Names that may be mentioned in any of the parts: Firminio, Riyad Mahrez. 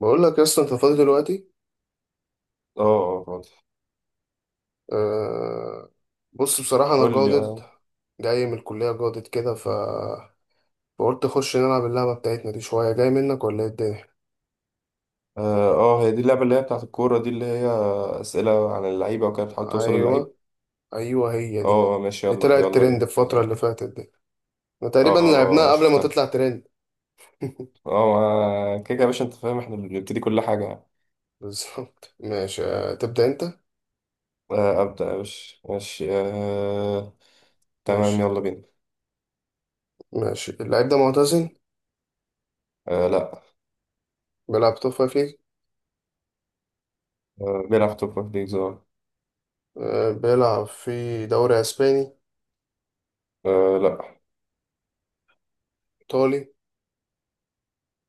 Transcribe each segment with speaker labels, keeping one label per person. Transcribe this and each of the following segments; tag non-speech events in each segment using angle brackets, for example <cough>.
Speaker 1: بقول لك يا اسطى انت فاضي دلوقتي.
Speaker 2: اه، فاضي.
Speaker 1: أه. بص، بصراحة انا
Speaker 2: قول لي
Speaker 1: جادد،
Speaker 2: مثلا.
Speaker 1: جاي من الكلية جادد كده، فقلت اخش نلعب اللعبة بتاعتنا دي شوية، جاي منك ولا ايه الدنيا؟
Speaker 2: اه هي دي اللعبة اللي هي بتاعت الكورة دي اللي هي أسئلة عن اللعيبة وكده بتحاول توصل
Speaker 1: ايوه
Speaker 2: للعيب.
Speaker 1: ايوه، هي دي
Speaker 2: ماشي،
Speaker 1: اللي
Speaker 2: يلا
Speaker 1: طلعت
Speaker 2: يلا
Speaker 1: ترند
Speaker 2: بينا يلا
Speaker 1: الفترة اللي فاتت دي. احنا
Speaker 2: اه،
Speaker 1: تقريبا
Speaker 2: اه،
Speaker 1: لعبناها قبل ما
Speaker 2: شفتها.
Speaker 1: تطلع ترند.
Speaker 2: كده يا باشا، انت فاهم احنا اللي بنبتدي كل حاجة يعني.
Speaker 1: بالظبط <laughs> ماشي، تبدأ انت.
Speaker 2: آه، أبدأ يا باشا ماشي آه، تمام
Speaker 1: ماشي.
Speaker 2: يلا بينا.
Speaker 1: ماشي، اللعيب ده معتزل.
Speaker 2: آه لا.
Speaker 1: بيلعب توب فايف ليج.
Speaker 2: آه بيلعب توب فايف ليجز
Speaker 1: بيلعب في دوري اسباني،
Speaker 2: آه، لا
Speaker 1: ايطالي،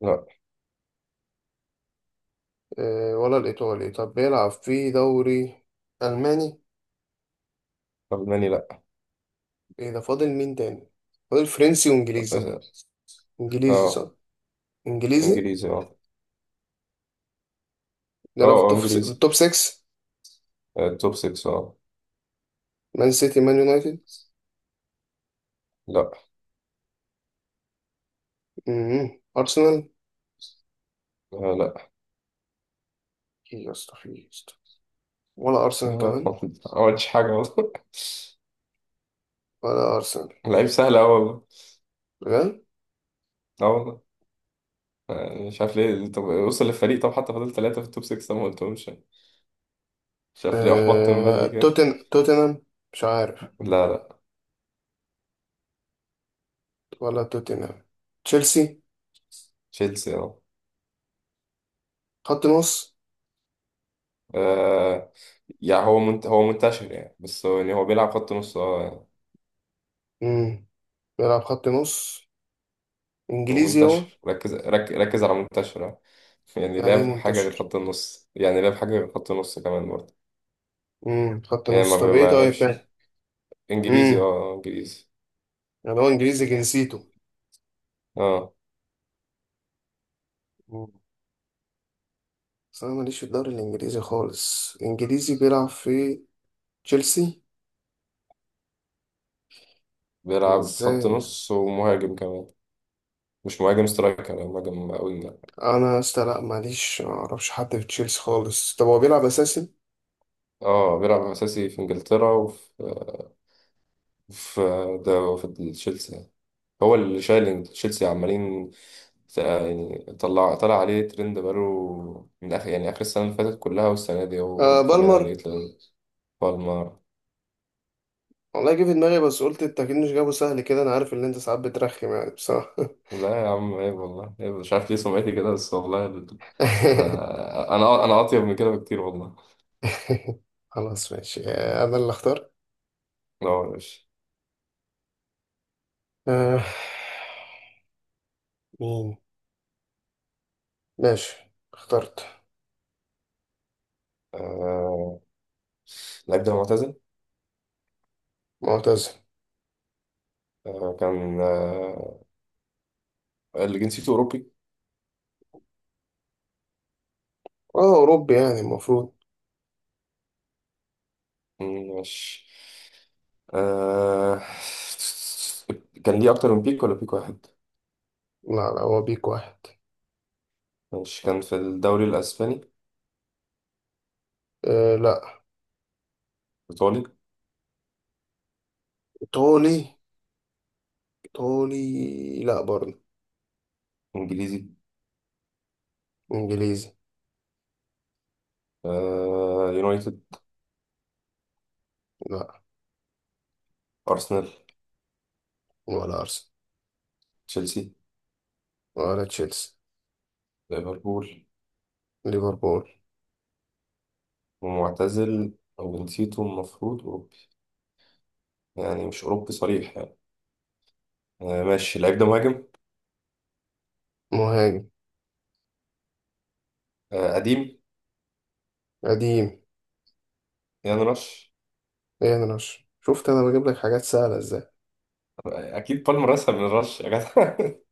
Speaker 2: لا
Speaker 1: ولا الإيطالي؟ طب بيلعب في دوري ألماني؟
Speaker 2: ألماني لا.
Speaker 1: إيه ده، فاضل مين تاني؟ فاضل فرنسي وإنجليزي.
Speaker 2: اه
Speaker 1: إنجليزي
Speaker 2: آه،
Speaker 1: صح؟ إنجليزي.
Speaker 2: إنجليزي
Speaker 1: بيلعب في
Speaker 2: إنجليزي.
Speaker 1: التوب 6.
Speaker 2: آه، توب 6
Speaker 1: مان سيتي، مان يونايتد.
Speaker 2: لا.
Speaker 1: مم. أرسنال.
Speaker 2: آه لا.
Speaker 1: إيه يا اسطى، في إيه يا اسطى؟ ولا
Speaker 2: يا
Speaker 1: أرسنال
Speaker 2: نهار
Speaker 1: كمان؟
Speaker 2: أبيض، ما عملتش حاجة والله.
Speaker 1: ولا أرسنال؟
Speaker 2: <laughs> لعيب سهل أوي والله.
Speaker 1: بجد.
Speaker 2: أه والله. يعني مش عارف ليه، طب وصل للفريق، طب حتى فضل ثلاثة في التوب 6 ده ما قلتهمش يعني. مش عارف ليه أحبطت من بدري كده.
Speaker 1: توتنهام؟ مش عارف.
Speaker 2: لا لا
Speaker 1: ولا توتنهام؟ تشيلسي؟
Speaker 2: تشيلسي أه.
Speaker 1: خط نص.
Speaker 2: آه، يعني هو منتشر يعني، بس هو يعني هو بيلعب خط نص أه يعني.
Speaker 1: مم. بيلعب خط نص.
Speaker 2: هو
Speaker 1: إنجليزي هو.
Speaker 2: منتشر، ركز على منتشر أه. يعني
Speaker 1: يعني إيه
Speaker 2: لعب حاجة غير
Speaker 1: منتشر؟
Speaker 2: خط النص، يعني لعب حاجة غير خط النص كمان برضه.
Speaker 1: خط
Speaker 2: يعني
Speaker 1: نص، طب ايه
Speaker 2: ما
Speaker 1: طيب
Speaker 2: لعبش.
Speaker 1: تاني؟
Speaker 2: إنجليزي
Speaker 1: امم
Speaker 2: أه إنجليزي.
Speaker 1: يعني هو انجليزي جنسيته.
Speaker 2: أه
Speaker 1: مم. بس انا ماليش في الدوري الانجليزي خالص. انجليزي بيلعب في تشيلسي؟
Speaker 2: بيلعب خط
Speaker 1: ازاي؟
Speaker 2: نص ومهاجم كمان. مش مهاجم سترايكر، يعني مهاجم وينج يعني.
Speaker 1: انا يا اسطى لا، ماليش، معرفش حد في تشيلسي خالص. طب هو بيلعب اساسي؟
Speaker 2: اه بيلعب اساسي في انجلترا وفي في، ده في تشيلسي. هو اللي شايل تشيلسي عمالين. يعني طلع عليه ترند، بقاله من اخر يعني اخر السنه اللي فاتت كلها، والسنه دي هو
Speaker 1: آه،
Speaker 2: برضه طالعين
Speaker 1: بالمر.
Speaker 2: عليه ترند. بالمر.
Speaker 1: والله جه في دماغي، بس قلت انت اكيد مش جابه سهل كده، انا عارف ان انت ساعات بترخم يعني بصراحة.
Speaker 2: لا يا عم، عيب والله عيب، مش عارف ليه سمعتي كده، بس والله ده،
Speaker 1: <laughs>
Speaker 2: انا اطيب من كده بكتير والله.
Speaker 1: خلاص ماشي، آه، انا اللي اختار.
Speaker 2: لا يا باشا.
Speaker 1: آه. مين؟ ماشي. اخترت.
Speaker 2: آه، اللعيب ده معتزل.
Speaker 1: معتز
Speaker 2: آه، كان اللي جنسيته اوروبي.
Speaker 1: اه، أوروبي يعني المفروض.
Speaker 2: ماشي. آه... كان ليه أكتر من بيك ولا بيك واحد؟
Speaker 1: لا لا، هو بيك واحد.
Speaker 2: ماشي، كان في الدوري الأسباني.
Speaker 1: آه، لا.
Speaker 2: إيطالي.
Speaker 1: إيطالي. إيطالي لا برضه.
Speaker 2: إنجليزي.
Speaker 1: إنجليزي.
Speaker 2: يونايتد.
Speaker 1: لا.
Speaker 2: أرسنال.
Speaker 1: ولا أرسنال.
Speaker 2: تشيلسي.
Speaker 1: ولا تشيلسي.
Speaker 2: ليفربول.
Speaker 1: ليفربول.
Speaker 2: ومعتزل، أو نسيته، المفروض أوروبي، يعني مش أوروبي صريح يعني. ماشي، اللعيب ده مهاجم.
Speaker 1: مهاجم.
Speaker 2: قديم.
Speaker 1: قديم.
Speaker 2: يعني رش.
Speaker 1: إيه؟ انا رش؟ شفت أنا بجيب لك حاجات سهلة إزاي.
Speaker 2: أكيد بالمر أسهل من رش يا جدع. <laughs>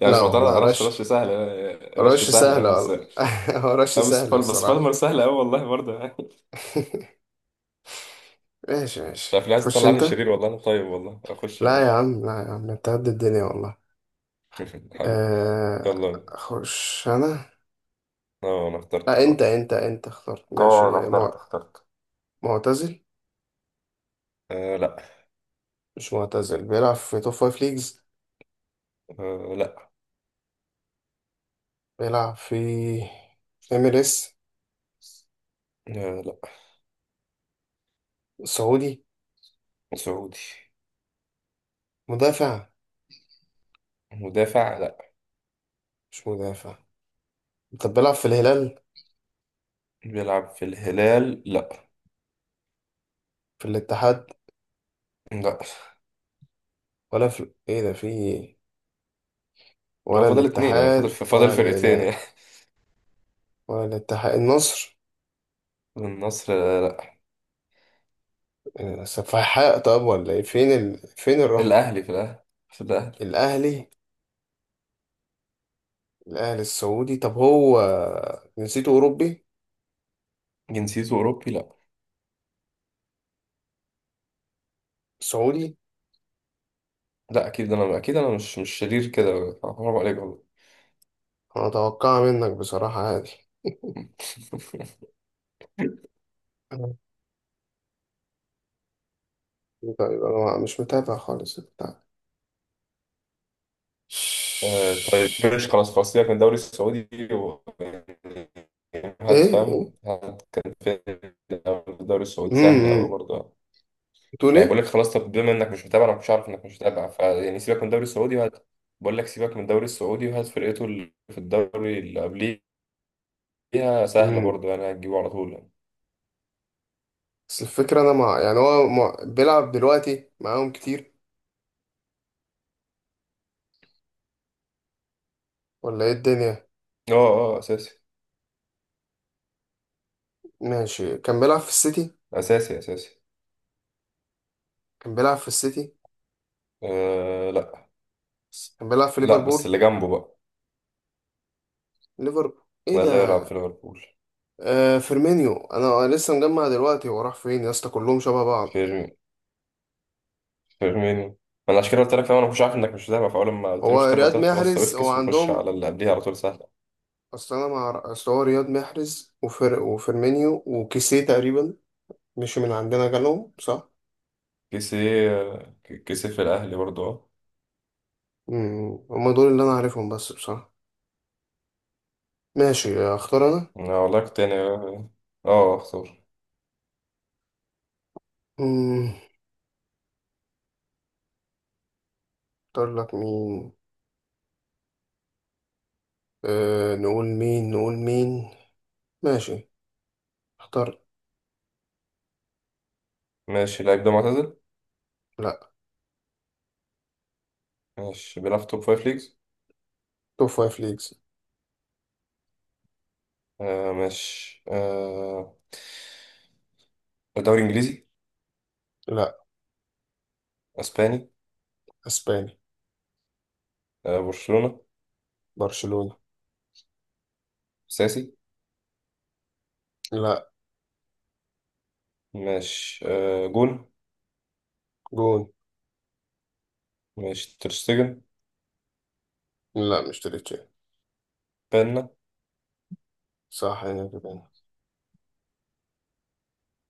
Speaker 2: يعني
Speaker 1: لا
Speaker 2: مش معترض
Speaker 1: والله،
Speaker 2: على رش، رش
Speaker 1: رش.
Speaker 2: سهل آه، رش
Speaker 1: رش
Speaker 2: سهل يعني،
Speaker 1: سهلة
Speaker 2: بس
Speaker 1: والله. <laughs> هو رش
Speaker 2: لا بس
Speaker 1: سهل بصراحة.
Speaker 2: بالمر سهل قوي والله برضه. <laughs>
Speaker 1: <laughs> ماشي
Speaker 2: مش
Speaker 1: ماشي،
Speaker 2: عارف ليه عايز
Speaker 1: تخش
Speaker 2: تطلعني
Speaker 1: أنت.
Speaker 2: شرير، والله انا طيب والله، اخش يا
Speaker 1: لا يا
Speaker 2: باشا.
Speaker 1: عم، لا يا عم، أنت قد الدنيا والله.
Speaker 2: <laughs> حبيبي، يلا بينا.
Speaker 1: أخش أنا.
Speaker 2: اه انا اخترت
Speaker 1: لا، أنت
Speaker 2: خلاص.
Speaker 1: أنت أنت اخترت. ماشي
Speaker 2: اه انا اخترت اخترت
Speaker 1: معتزل؟
Speaker 2: آه لا.
Speaker 1: مش معتزل، بيلعب في توب فايف ليجز.
Speaker 2: آه لا.
Speaker 1: بيلعب في MLS.
Speaker 2: آه لا.
Speaker 1: سعودي.
Speaker 2: سعودي.
Speaker 1: مدافع.
Speaker 2: مدافع لا.
Speaker 1: مش مدافع. طب بيلعب في الهلال؟
Speaker 2: بيلعب في الهلال لا
Speaker 1: في الاتحاد؟
Speaker 2: لا.
Speaker 1: ولا في ايه ده، في إيه؟
Speaker 2: هو
Speaker 1: ولا
Speaker 2: فاضل اتنين يعني، فاضل
Speaker 1: الاتحاد ولا
Speaker 2: فرقتين يعني.
Speaker 1: الهلال؟ ولا الاتحاد، النصر؟
Speaker 2: <laughs> النصر آه، لا.
Speaker 1: إيه، سفاحة، طب ولا ايه، فين الرحمة؟
Speaker 2: الاهلي، في الاهلي في الاهلي.
Speaker 1: الاهلي. الاهلي السعودي، طب هو جنسيته اوروبي؟
Speaker 2: جنسيته اوروبي لا.
Speaker 1: سعودي.
Speaker 2: لا اكيد انا، اكيد انا مش شرير كده، حرام عليك والله.
Speaker 1: انا اتوقع منك بصراحة، عادي.
Speaker 2: <laughs>
Speaker 1: طيب انا مش متابع خالص.
Speaker 2: آه طيب ماشي، خلاص خلاص سيبك من الدوري السعودي و... يعني هات،
Speaker 1: ايه ايه.
Speaker 2: فاهم، هات كان في الدوري السعودي سهلة أوي
Speaker 1: امم.
Speaker 2: برضه.
Speaker 1: بتقول
Speaker 2: يعني بقول
Speaker 1: ايه؟
Speaker 2: لك خلاص، طب بما إنك مش متابع، أنا مش عارف إنك مش متابع، فيعني سيبك من الدوري السعودي وهات. بقول لك سيبك من الدوري السعودي وهات فرقته اللي في الدوري اللي قبليها، سهلة
Speaker 1: امم.
Speaker 2: برضه يعني، هتجيبه على طول يعني.
Speaker 1: بس الفكره انا مع يعني بيلعب دلوقتي معاهم كتير ولا ايه الدنيا؟
Speaker 2: أه أه آه، أساسي.
Speaker 1: ماشي، كان بيلعب في السيتي.
Speaker 2: أساسي أساسي.
Speaker 1: كان بيلعب في السيتي.
Speaker 2: أه لأ.
Speaker 1: كان بيلعب في
Speaker 2: لا بس
Speaker 1: ليفربول.
Speaker 2: اللي جنبه بقى.
Speaker 1: ليفربول. ايه
Speaker 2: لا اللي يلعب
Speaker 1: ده؟
Speaker 2: في ليفربول.
Speaker 1: فيرمينيو. انا لسه مجمع دلوقتي، هو راح فين يا اسطى؟ كلهم شبه بعض.
Speaker 2: فيرمينو. فاهمني، انا عشان كده قلت لك فاهم، انا مش عارف انك مش متابع، فاول ما قلت لي
Speaker 1: هو
Speaker 2: مش متابع
Speaker 1: رياض
Speaker 2: قلت لك خلاص، طب
Speaker 1: محرز هو
Speaker 2: افكس وخش
Speaker 1: عندهم.
Speaker 2: على اللي قبليها على طول، سهله.
Speaker 1: اصل انا مع اصل هو رياض محرز وفيرمينيو وكيسيه تقريبا، مش من عندنا جالهم صح.
Speaker 2: كيسي. كيسي في الاهلي برضه اه.
Speaker 1: مم. هما دول اللي انا عارفهم بس بصراحة. ماشي، اختار انا.
Speaker 2: أنا والله كنت يعني، اه اختار.
Speaker 1: مم. اختار لك مين؟ أه، نقول مين، نقول مين. ماشي. اختار.
Speaker 2: ماشي، اللعيب ده معتزل.
Speaker 1: لا.
Speaker 2: ماشي، بيلعب في توب فايف ليجز.
Speaker 1: توب فايف ليجز.
Speaker 2: آه ماشي آه، دوري انجليزي.
Speaker 1: لا.
Speaker 2: اسباني.
Speaker 1: اسباني.
Speaker 2: آه برشلونه.
Speaker 1: برشلونة.
Speaker 2: ساسي.
Speaker 1: لا.
Speaker 2: ماشي آه، جون.
Speaker 1: جون.
Speaker 2: ماشي، ترشتجن.
Speaker 1: لا، مش تريتشي.
Speaker 2: بنا.
Speaker 1: صح، انا كده.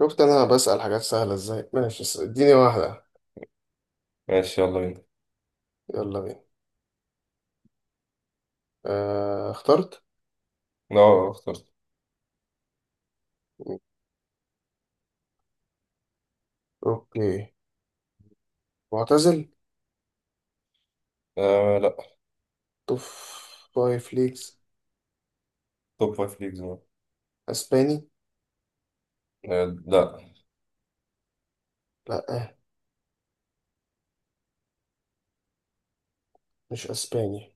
Speaker 1: شفت انا بسأل حاجات سهلة ازاي. ماشي، اديني واحدة.
Speaker 2: ماشي يلا بينا.
Speaker 1: يلا بينا. أه، اخترت.
Speaker 2: اه اخترت.
Speaker 1: اوكي. معتزل.
Speaker 2: آه لا.
Speaker 1: توب فايف ليجز.
Speaker 2: توب فايف ليجز آه.
Speaker 1: اسباني.
Speaker 2: لا
Speaker 1: لا، مش اسباني،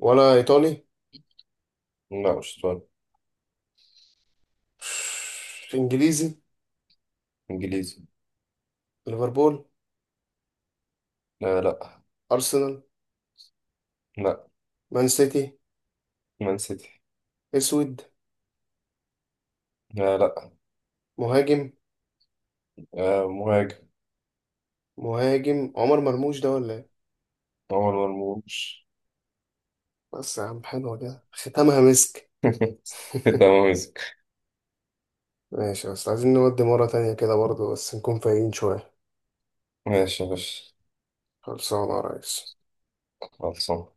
Speaker 1: ولا إيطالي.
Speaker 2: لا مش طالب.
Speaker 1: إنجليزي.
Speaker 2: انجليزي.
Speaker 1: ليفربول.
Speaker 2: لا لا.
Speaker 1: أرسنال.
Speaker 2: لا.
Speaker 1: مان سيتي.
Speaker 2: مان سيتي.
Speaker 1: أسود.
Speaker 2: لا. لا.
Speaker 1: مهاجم.
Speaker 2: آه مهاجم.
Speaker 1: مهاجم عمر مرموش ده ولا إيه؟
Speaker 2: عمر مرموش.
Speaker 1: بس يا عم، حلوة كده ختامها مسك.
Speaker 2: <laughs> ده
Speaker 1: <laughs>
Speaker 2: موزك.
Speaker 1: ماشي، بس عايزين نودي مرة تانية كده برضه، بس نكون فايقين شوية.
Speaker 2: ماشي يا باشا.
Speaker 1: خلصانة يا ريس.
Speaker 2: خلصان.